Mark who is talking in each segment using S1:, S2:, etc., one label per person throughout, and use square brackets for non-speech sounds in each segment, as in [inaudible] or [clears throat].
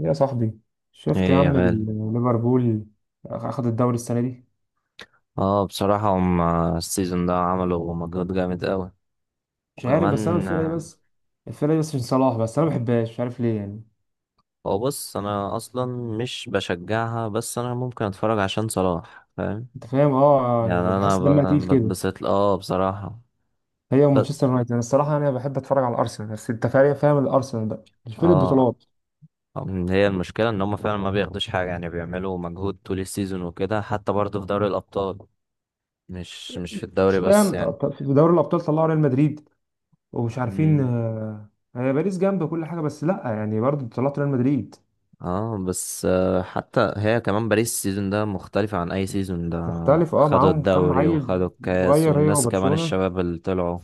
S1: يا صاحبي، شفت يا
S2: ايه يا
S1: عم
S2: غالي.
S1: ليفربول اخد الدوري السنه دي.
S2: اه بصراحة هم السيزون ده عملوا مجهود جامد قوي
S1: مش عارف، بس انا
S2: وكمان
S1: الفرقه دي بس عشان صلاح، بس انا ما بحبهاش، مش عارف ليه يعني.
S2: هو بص انا اصلا مش بشجعها بس انا ممكن اتفرج عشان صلاح فاهم.
S1: انت فاهم، اه،
S2: يعني
S1: يعني
S2: انا
S1: بحس دمها تقيل كده،
S2: بتبسط اه بصراحة.
S1: هي
S2: ب-
S1: ومانشستر يونايتد. انا الصراحه يعني انا بحب اتفرج على الارسنال، بس انت فاهم، الارسنال بقى مش فرقه
S2: اه
S1: بطولات.
S2: هي المشكلة ان هم فعلا ما بياخدوش حاجة يعني بيعملوا مجهود طول السيزون وكده حتى برضه في دوري الابطال مش في
S1: مش
S2: الدوري بس
S1: فاهم،
S2: يعني.
S1: في دوري الابطال طلعوا ريال مدريد، ومش عارفين.
S2: مم.
S1: هي باريس جنب كل حاجه، بس لا يعني برضه طلعت ريال مدريد.
S2: اه بس حتى هي كمان باريس السيزون ده مختلفة عن أي سيزون ده.
S1: مختلف، اه،
S2: خدوا
S1: معاهم كام
S2: الدوري
S1: عيل
S2: وخدوا الكاس
S1: صغير، هي
S2: والناس كمان
S1: وبرشلونه.
S2: الشباب اللي طلعوا.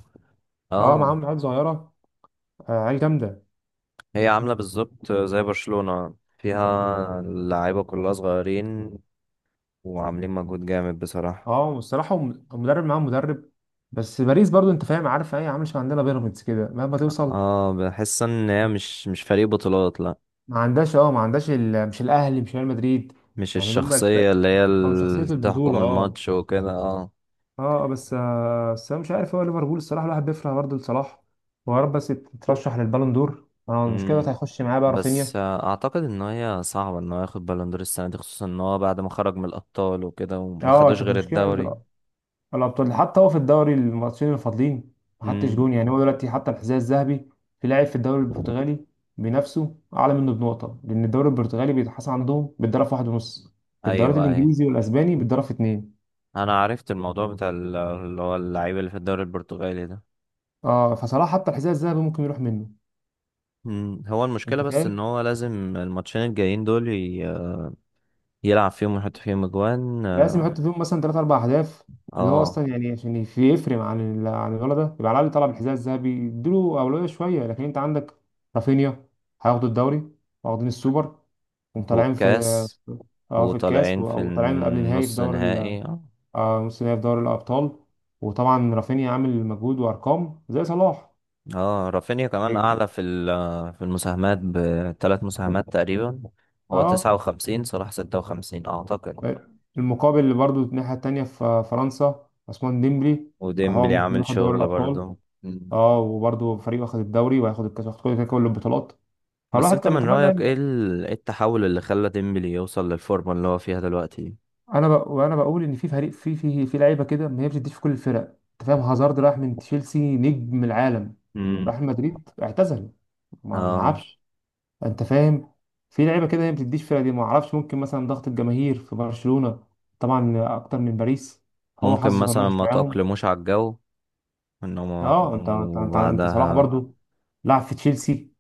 S1: اه،
S2: اه
S1: معاهم عيال صغيره، عيال جامده.
S2: هي عاملة بالظبط زي برشلونة فيها اللعيبة كلها صغيرين وعاملين مجهود جامد بصراحة.
S1: اه والصراحه المدرب، معاهم مدرب. بس باريس برضو، انت فاهم، عارف ايه، عامل شبه عندنا بيراميدز كده، مهما توصل
S2: اه بحس ان هي مش فريق بطولات لا.
S1: ما عندهاش. اه، ما عندهاش مش الاهلي، مش ريال مدريد.
S2: مش
S1: يعني اللي هم
S2: الشخصية اللي هي
S1: او شخصيه
S2: اللي
S1: البطوله.
S2: تحكم
S1: اه
S2: الماتش وكده اه.
S1: اه، بس آه بس انا مش عارف هو ليفربول، الصراحه الواحد بيفرح برضه لصلاح. هو يا رب بس يترشح للبالون دور. انا المشكله دلوقتي
S2: مم.
S1: هيخش معاه بقى
S2: بس
S1: رافينيا.
S2: اعتقد ان هي صعبه ان هو ياخد بالون دور السنه دي خصوصا ان هو بعد ما خرج من الابطال وكده وما
S1: اه
S2: خدوش
S1: كانت
S2: غير الدوري.
S1: مشكله الابطال، حتى هو في الدوري الماتشين الفاضلين ما حطش
S2: امم.
S1: جون. يعني هو دلوقتي حتى الحذاء الذهبي، في لاعب في الدوري البرتغالي بنفسه اعلى منه بنقطه، لان الدوري البرتغالي بيتحسن عندهم بالضرب في واحد ونص، في الدوري
S2: ايوه ايوه
S1: الانجليزي والاسباني بالضرب في اتنين.
S2: انا عرفت الموضوع بتاع اللي هو اللعيب اللي في الدوري البرتغالي ده.
S1: اه فصلاح حتى الحذاء الذهبي ممكن يروح منه.
S2: مم. هو المشكله
S1: انت
S2: بس ان
S1: فاهم،
S2: هو لازم الماتشين الجايين دول يلعب فيهم ويحط فيهم اجوان.
S1: لازم يحط فيهم مثلا ثلاث اربع اهداف، اللي هو
S2: اه
S1: اصلا يعني عشان يفرق عن عن الولد ده، يبقى على الاقل طلب الحذاء الذهبي اديله اولويه شويه. لكن انت عندك رافينيا، هياخدوا الدوري، واخدين السوبر، وطالعين في،
S2: والكاس
S1: اه، في الكاس،
S2: وطالعين في
S1: وطالعين قبل نهائي في
S2: النص
S1: دوري
S2: نهائي.
S1: آه، نص نهائي في دوري الأبطال. وطبعا رافينيا عامل مجهود وأرقام زي صلاح.
S2: اه رافينيا كمان اعلى في في المساهمات ب3 مساهمات تقريبا. هو تسعة
S1: اه
S2: وخمسين صلاح 56 اعتقد.
S1: المقابل اللي برضه الناحية التانية في فرنسا عثمان ديمبلي، اهو
S2: وديمبلي
S1: ممكن
S2: عامل
S1: ياخد دوري
S2: شغل
S1: الأبطال.
S2: برضه. مم.
S1: اه وبرضه فريق واخد الدوري، وهياخد الكاس، واخد كل البطولات.
S2: بس
S1: فالواحد
S2: انت
S1: كان
S2: من رأيك
S1: يتمنى.
S2: ايه إيه التحول اللي خلى ديمبلي يوصل للفورمة اللي هو فيها دلوقتي.
S1: وانا بقول ان في فريق في لعيبه كده ما هي بتديش في كل الفرق. انت فاهم، هازارد راح من تشيلسي، نجم العالم،
S2: امم.
S1: راح مدريد اعتزل، ما
S2: اه
S1: لعبش. انت فاهم، في لعيبه كده هي ما بتديش فرق دي. ما اعرفش، ممكن مثلا ضغط الجماهير في برشلونه طبعا اكتر من باريس، هو
S2: ممكن
S1: حظه كان
S2: مثلا
S1: وحش
S2: ما
S1: معاهم.
S2: تأقلموش على الجو انه
S1: اه انت صلاح
S2: وبعدها.
S1: برضو لعب في تشيلسي،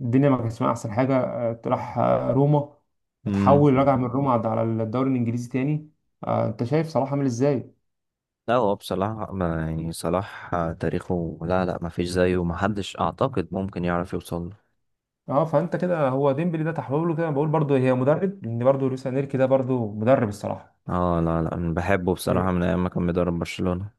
S1: الدنيا ما كانتش معاه احسن حاجه. راح روما،
S2: مم.
S1: اتحول رجع من روما على الدوري الانجليزي تاني. انت شايف صلاح عامل ازاي.
S2: لا هو بصراحة يعني صلاح تاريخه لا لا ما فيش زيه ما حدش اعتقد ممكن يعرف يوصل.
S1: اه، فانت كده هو ديمبلي ده تحول له كده. بقول برضه هي مدرب، لان برضه لويس انريكي ده برضه مدرب الصراحه.
S2: اه لا لا أنا بحبه بصراحة
S1: إيه.
S2: من أيام ما كان بيدرب برشلونة.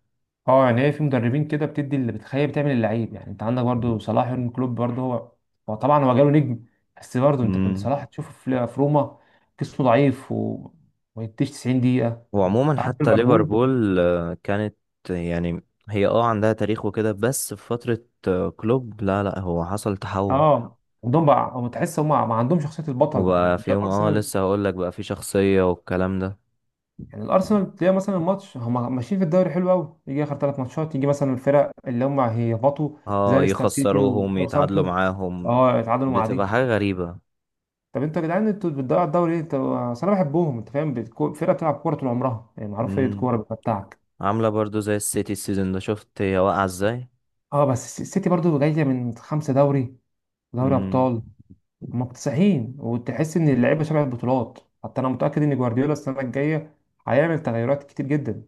S1: اه يعني هي في مدربين كده بتدي اللي بتخيل، بتعمل اللعيب. يعني انت عندك برضه صلاح، يورجن كلوب برضه هو، هو طبعا هو جاله نجم، بس برضه انت كنت
S2: امم.
S1: صلاح تشوفه في روما جسمه ضعيف وما يديش 90 دقيقه،
S2: وعموما
S1: قعد في
S2: حتى
S1: ليفربول.
S2: ليفربول كانت يعني. هي اه عندها تاريخ وكده بس في فترة كلوب لا لا هو حصل تحول
S1: اه عندهم بقى، هم تحس هم ما عندهم شخصيه البطل، يعني
S2: وبقى
S1: مش
S2: فيهم اه
S1: ارسنال.
S2: لسه هقول لك بقى في شخصية والكلام ده.
S1: يعني الارسنال تلاقي مثلا الماتش، هم ماشيين في الدوري حلو قوي، يجي اخر ثلاث ماتشات يجي مثلا الفرق اللي هم هيهبطوا، زي
S2: اه
S1: ليستر سيتي
S2: يخسروهم يتعادلوا
S1: وساوثهامبتون،
S2: معاهم
S1: اه اتعادلوا مع
S2: بتبقى
S1: دي.
S2: حاجة غريبة.
S1: طب انتوا يا جدعان انتوا بتضيعوا الدوري ليه؟ انتوا اصل انا بحبهم، انت فاهم، فرقه بتلعب كوره طول عمرها، يعني معروف فرقه
S2: امم.
S1: كوره بتمتعك.
S2: عاملة برضو زي السيتي السيزون ده شفت هي واقعة ازاي.
S1: اه بس السيتي برضو جايه من خمسه دوري، دوري
S2: امم.
S1: ابطال، هم مكتسحين. وتحس ان اللعيبه شبه البطولات. حتى انا متاكد ان جوارديولا السنه الجايه هيعمل تغيرات كتير جدا.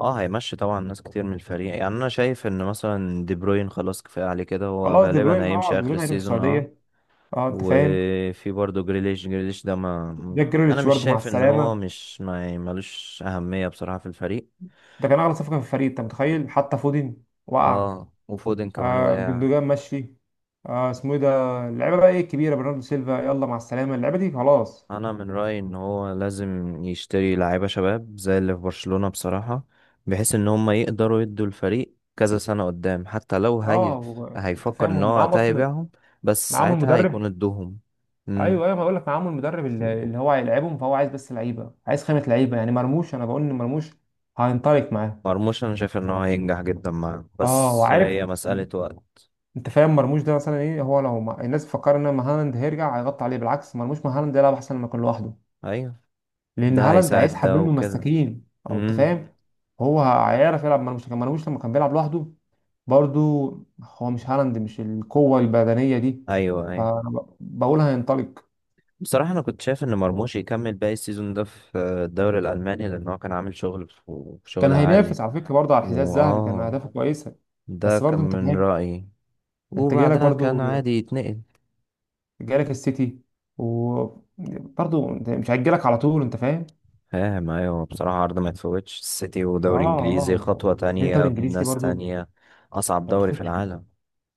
S2: اه هيمشي طبعا ناس كتير من الفريق يعني انا شايف ان مثلا دي بروين خلاص كفايه عليه كده هو
S1: خلاص دي
S2: غالبا
S1: بروين، اه
S2: هيمشي
S1: دي
S2: اخر
S1: بروين هيروح
S2: السيزون اه.
S1: السعوديه. اه انت فاهم،
S2: وفي برضه جريليش جريليش ده ما
S1: جاك
S2: انا
S1: جريليتش
S2: مش
S1: برضه مع
S2: شايف ان هو
S1: السلامة،
S2: مش ما ملوش اهميه بصراحه في الفريق.
S1: ده كان أغلى صفقة في الفريق. أنت متخيل، حتى فودن وقع.
S2: اه وفودن كمان
S1: آه
S2: وقع.
S1: جندوجان مشي. آه اسمه إيه ده، اللعيبة بقى إيه الكبيرة، برناردو سيلفا يلا مع السلامة، اللعيبة دي خلاص.
S2: انا من رايي ان هو لازم يشتري لعيبه شباب زي اللي في برشلونه بصراحه بحيث ان هم يقدروا يدوا الفريق كذا سنه قدام حتى لو
S1: أه
S2: هي
S1: هو- أنت
S2: هيفكر
S1: فاهم
S2: ان
S1: هم
S2: هو
S1: معاهم
S2: وقتها
S1: أصلا،
S2: يبيعهم بس
S1: معاهم
S2: ساعتها
S1: المدرب.
S2: هيكون ادوهم. امم.
S1: أيوه أيوه، ما بقول لك معاهم المدرب اللي هو هيلعبهم. فهو عايز بس لعيبة، عايز خامة لعيبة. يعني مرموش، أنا بقول إن مرموش هينطلق معاه.
S2: مرموش انا شايف ان هو هينجح جدا معاه
S1: أه
S2: بس
S1: وعارف،
S2: هي مساله وقت.
S1: انت فاهم، مرموش ده مثلا ايه، هو لو ما... الناس بتفكر ان مهالاند هيرجع هيغطي عليه. بالعكس، مرموش مهالاند يلعب احسن ما يكون لوحده،
S2: ايوه
S1: لان
S2: ده
S1: هالاند
S2: هيساعد
S1: هيسحب
S2: ده
S1: منه
S2: وكده.
S1: مساكين. او انت
S2: امم.
S1: فاهم، هو هيعرف يلعب، ما لوش لما كان بيلعب لوحده برضو، هو مش هالاند، مش القوه البدنيه دي.
S2: ايوه ايوه
S1: فبقول هينطلق.
S2: بصراحه انا كنت شايف ان مرموش يكمل باقي السيزون ده في الدوري الالماني لان هو كان عامل شغل في
S1: كان
S2: شغل عالي.
S1: هينافس على فكره برضو على الحذاء الذهبي، كان
S2: واه
S1: اهدافه كويسه.
S2: ده
S1: بس
S2: كان
S1: برضو انت
S2: من
S1: فاهم،
S2: رأيي
S1: انت جالك
S2: وبعدها كان
S1: برضو،
S2: عادي يتنقل.
S1: جالك السيتي، وبرضو انت مش هيجيلك على طول، انت فاهم.
S2: فاهم ايوه بصراحة عرض ما يتفوتش السيتي
S1: اه
S2: ودوري
S1: اه.
S2: انجليزي خطوة
S1: بعدين
S2: تانية
S1: الدوري الانجليزي
S2: بناس
S1: برضو،
S2: تانية. اصعب
S1: انت
S2: دوري
S1: بتخش
S2: في العالم.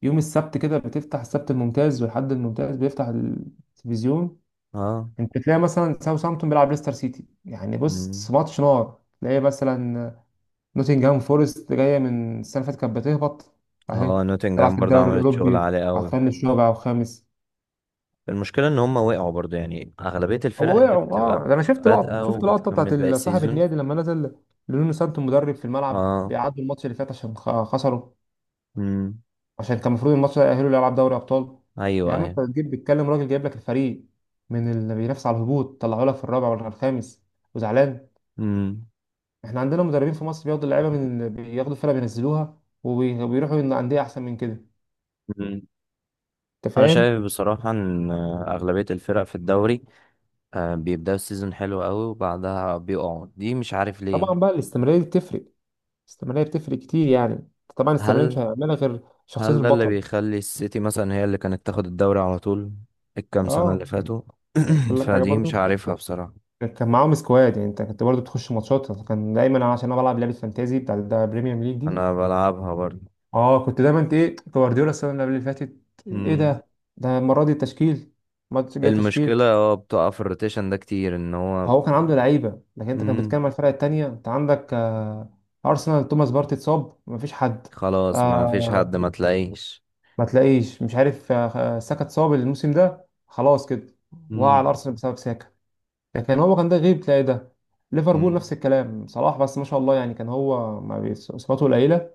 S1: يوم السبت كده، بتفتح السبت الممتاز والحد الممتاز بيفتح التلفزيون.
S2: اه.
S1: انت تلاقي مثلا ساوثهامبتون بيلعب ليستر سيتي، يعني بص
S2: مم.
S1: ماتش نار. تلاقي مثلا نوتنجهام فورست جايه من السنه اللي فاتت كانت بتهبط، اهي
S2: اه
S1: تلعب
S2: نوتنجهام
S1: في
S2: برضه
S1: الدوري
S2: عملت شغل
S1: الاوروبي
S2: عالي
S1: على
S2: قوي.
S1: الفن الرابع وخامس.
S2: المشكلة ان هم وقعوا برضه يعني اغلبية الفرق
S1: هو
S2: هي
S1: وقعوا،
S2: بتبقى
S1: اه ده انا شفت لقطه،
S2: بادئة
S1: شفت لقطه
S2: وبتكمل
S1: بتاعت
S2: باقي
S1: صاحب
S2: السيزون.
S1: النادي لما نزل لونو سانتو مدرب في الملعب،
S2: اه.
S1: بيعادوا الماتش اللي فات عشان خسروا،
S2: مم.
S1: عشان كان المفروض الماتش ده يأهله لألعاب دوري أبطال. يا
S2: ايوه
S1: عم
S2: ايوه.
S1: أنت بتجيب بتكلم راجل جايب لك الفريق من اللي بينافس على الهبوط، طلعوا لك في الرابع ولا الخامس وزعلان.
S2: مم.
S1: إحنا عندنا مدربين في مصر بياخدوا اللعيبة من، بياخدوا الفرقة بينزلوها وبيروحوا عند أندية أحسن من كده.
S2: مم.
S1: أنت
S2: انا
S1: فاهم؟
S2: شايف بصراحة ان اغلبية الفرق في الدوري بيبدأوا السيزون حلو قوي وبعدها بيقعوا دي مش عارف ليه.
S1: طبعا بقى الاستمرارية دي بتفرق، الاستمرارية بتفرق كتير يعني. طبعا الاستمرارية مش
S2: هل
S1: هيعملها غير شخصية
S2: هل ده اللي
S1: البطل.
S2: بيخلي السيتي مثلا هي اللي كانت تاخد الدوري على طول الكام سنة اللي
S1: اه
S2: فاتوا؟ [clears throat]
S1: أقول لك حاجة
S2: فدي
S1: برضو،
S2: مش عارفها بصراحة.
S1: كان معاهم سكواد. يعني انت كنت برضو بتخش ماتشات، كان دايما أنا، عشان انا بلعب لعبه فانتازي بتاع البريمير ليج دي،
S2: انا بلعبها برضه.
S1: اه كنت دايما انت ايه جوارديولا السنه اللي قبل اللي فاتت، ايه
S2: مم.
S1: ده، ده المره دي التشكيل، الماتش جاي تشكيل.
S2: المشكلة هو بتقع في الروتيشن ده كتير ان هو.
S1: هو كان عنده لعيبه، لكن انت كان
S2: مم.
S1: بتتكلم على الفرق التانيه. انت عندك آه ارسنال، توماس بارتي اتصاب مفيش حد.
S2: خلاص ما فيش حد
S1: آه
S2: ما تلاقيش.
S1: ما تلاقيش، مش عارف آه، ساكا اتصاب الموسم ده خلاص كده، وقع على
S2: مم.
S1: ارسنال بسبب ساكا. لكن هو كان ده غيب تلاقي ده. ليفربول
S2: مم.
S1: نفس الكلام، صلاح بس ما شاء الله، يعني كان هو ما اصاباته قليله.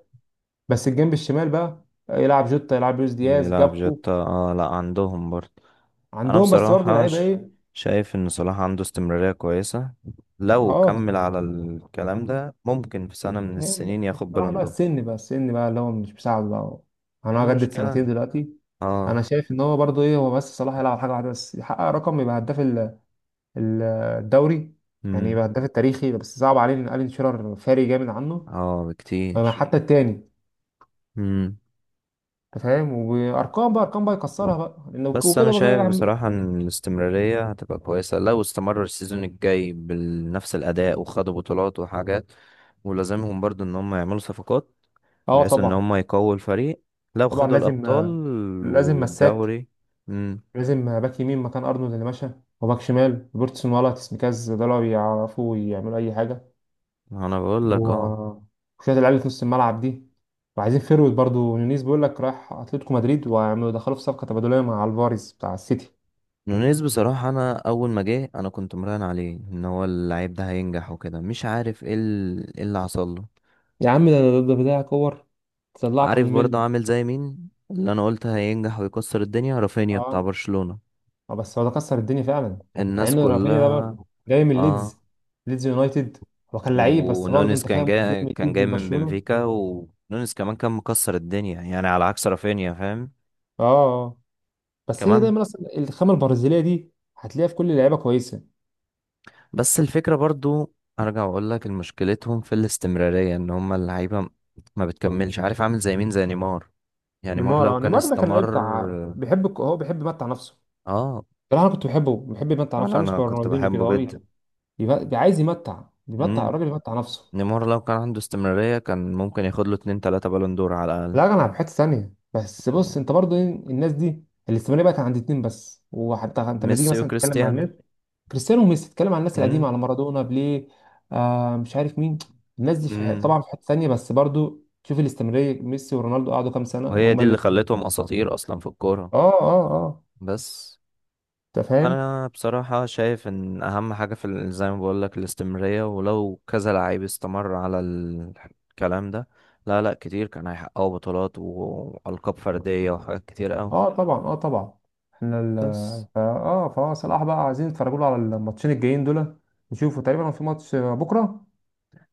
S1: بس الجنب الشمال بقى، يلعب جوتا يلعب لويس دياز
S2: بيلعب
S1: جابكو.
S2: جتا اه لا عندهم برضه. انا
S1: عندهم، بس برضه
S2: بصراحة
S1: لعيبه ايه.
S2: شايف ان صلاح عنده استمرارية كويسة
S1: لا
S2: لو
S1: اه
S2: كمل على الكلام ده ممكن في سنة من
S1: هي،
S2: السنين ياخد
S1: بصراحه
S2: بالون
S1: بقى
S2: دور.
S1: السن، بقى السن بقى اللي هو مش مساعد بقى،
S2: ايه
S1: انا هجدد
S2: المشكلة
S1: سنتين دلوقتي. انا
S2: اه.
S1: شايف ان هو برضه ايه، هو بس صلاح يلعب حاجه واحده بس، يحقق رقم، يبقى هداف ال- الدوري. يعني
S2: امم.
S1: يبقى هداف التاريخي، بس صعب عليه ان الين شيرر فارق جامد عنه.
S2: اه
S1: أما
S2: بكتير.
S1: حتى التاني،
S2: امم.
S1: انت فاهم، وارقام بقى، ارقام بقى يكسرها بقى، لانه
S2: بس انا
S1: وكده بقى
S2: شايف
S1: يعمل.
S2: بصراحة ان الاستمرارية هتبقى كويسة لو استمر السيزون الجاي بنفس الاداء وخدوا بطولات وحاجات ولازمهم برضو ان هم يعملوا صفقات
S1: اه
S2: بحيث ان
S1: طبعا،
S2: هم يقووا الفريق لو
S1: طبعا
S2: خدوا
S1: لازم،
S2: الابطال
S1: لازم مساك،
S2: والدوري. امم.
S1: لازم باك يمين مكان ارنولد اللي مشى، وباك شمال روبرتسون ولا تسميكاز ده لو يعرفوا يعملوا اي حاجه.
S2: انا بقول لك اه.
S1: و- وشويه اللعيبه في نص الملعب دي، وعايزين فيرويد برضو. نونيز بيقول لك رايح اتلتيكو مدريد، ويعملوا دخلوا في صفقه تبادليه مع الفاريز بتاع السيتي.
S2: نونيز بصراحة انا اول ما جه انا كنت مراهن عليه ان هو اللعيب ده هينجح وكده مش عارف ايه إيه اللي حصل له.
S1: يا عم ده بتاع كور تطلعك عن
S2: عارف برضه
S1: المله.
S2: عامل زي مين اللي انا قلت هينجح ويكسر الدنيا رافينيا بتاع
S1: اه
S2: برشلونة.
S1: بس هو ده كسر الدنيا فعلا. مع
S2: الناس
S1: ان رافينيا ده
S2: كلها
S1: برضه جاي من
S2: اه.
S1: ليدز، ليدز يونايتد، هو كان لعيب. بس برضه
S2: ونونيز
S1: انت
S2: كان
S1: فاهم، جاي
S2: جاي
S1: من
S2: كان
S1: ليدز
S2: جاي من
S1: لبرشلونه.
S2: بنفيكا ونونيز كمان كان مكسر الدنيا يعني على عكس رافينيا فاهم.
S1: اه آه. بس هي
S2: كمان.
S1: دايما اصلا الخامه البرازيليه دي هتلاقيها في كل اللعيبه كويسه.
S2: بس الفكرة برضو ارجع واقول لك مشكلتهم في الاستمرارية ان هم اللعيبة ما بتكملش عارف عامل زي مين زي نيمار. يعني نيمار لو
S1: نيمار، اه
S2: كان
S1: نيمار ده كان لعيب
S2: استمر
S1: بتاع بيحب هو بيحب يمتع نفسه.
S2: اه.
S1: بصراحه انا كنت بحبه، بيحب يمتع نفسه،
S2: انا
S1: عامل
S2: انا
S1: شبه
S2: كنت
S1: رونالدينيو كده.
S2: بحبه
S1: هو بي...
S2: جدا.
S1: بيبقى- بي... عايز يمتع، بيمتع
S2: امم.
S1: الراجل يمتع نفسه.
S2: نيمار لو كان عنده استمرارية كان ممكن ياخد له اتنين تلاتة بالون دور على الأقل.
S1: لا انا في حته ثانيه. بس بص انت برضو إيه، الناس دي الاستمراريه بقت عند اتنين بس. وحتى انت لما تيجي
S2: ميسي
S1: مثلا تتكلم مع
S2: وكريستيانو.
S1: الناس، كريستيانو وميسي، تتكلم عن الناس القديمه،
S2: امم.
S1: على مارادونا، بيليه، آه مش عارف مين. الناس دي في
S2: امم.
S1: طبعا في حته ثانيه، بس برضو شوف الاستمراريه، ميسي ورونالدو قعدوا كام سنه
S2: وهي
S1: هما
S2: دي اللي
S1: اللي.
S2: خلتهم اساطير اصلا في الكوره.
S1: اه اه اه،
S2: بس
S1: انت فاهم.
S2: انا بصراحه شايف ان اهم حاجه في زي ما بقول لك الاستمراريه ولو كذا لعيب استمر على الكلام ده. لا لا كتير كان هيحققوا بطولات والقاب فرديه وحاجات كتير قوي.
S1: اه طبعا، اه طبعا. احنا ال
S2: بس
S1: فا اه فهو صلاح بقى، عايزين نتفرجوا له على الماتشين الجايين دول، نشوفوا تقريبا لو في ماتش بكره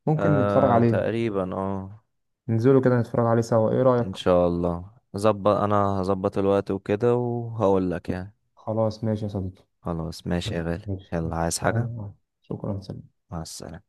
S1: ممكن نتفرج
S2: آه
S1: عليه،
S2: تقريبا اه.
S1: ننزلوا كده نتفرج عليه سوا، ايه رايك؟
S2: ان شاء الله ظبط. انا هظبط الوقت وكده وهقول لك يعني.
S1: خلاص ماشي يا صديقي.
S2: خلاص ماشي يا غالي
S1: ماشي،
S2: يلا عايز حاجه.
S1: يلا، شكرا، سلام.
S2: مع السلامه.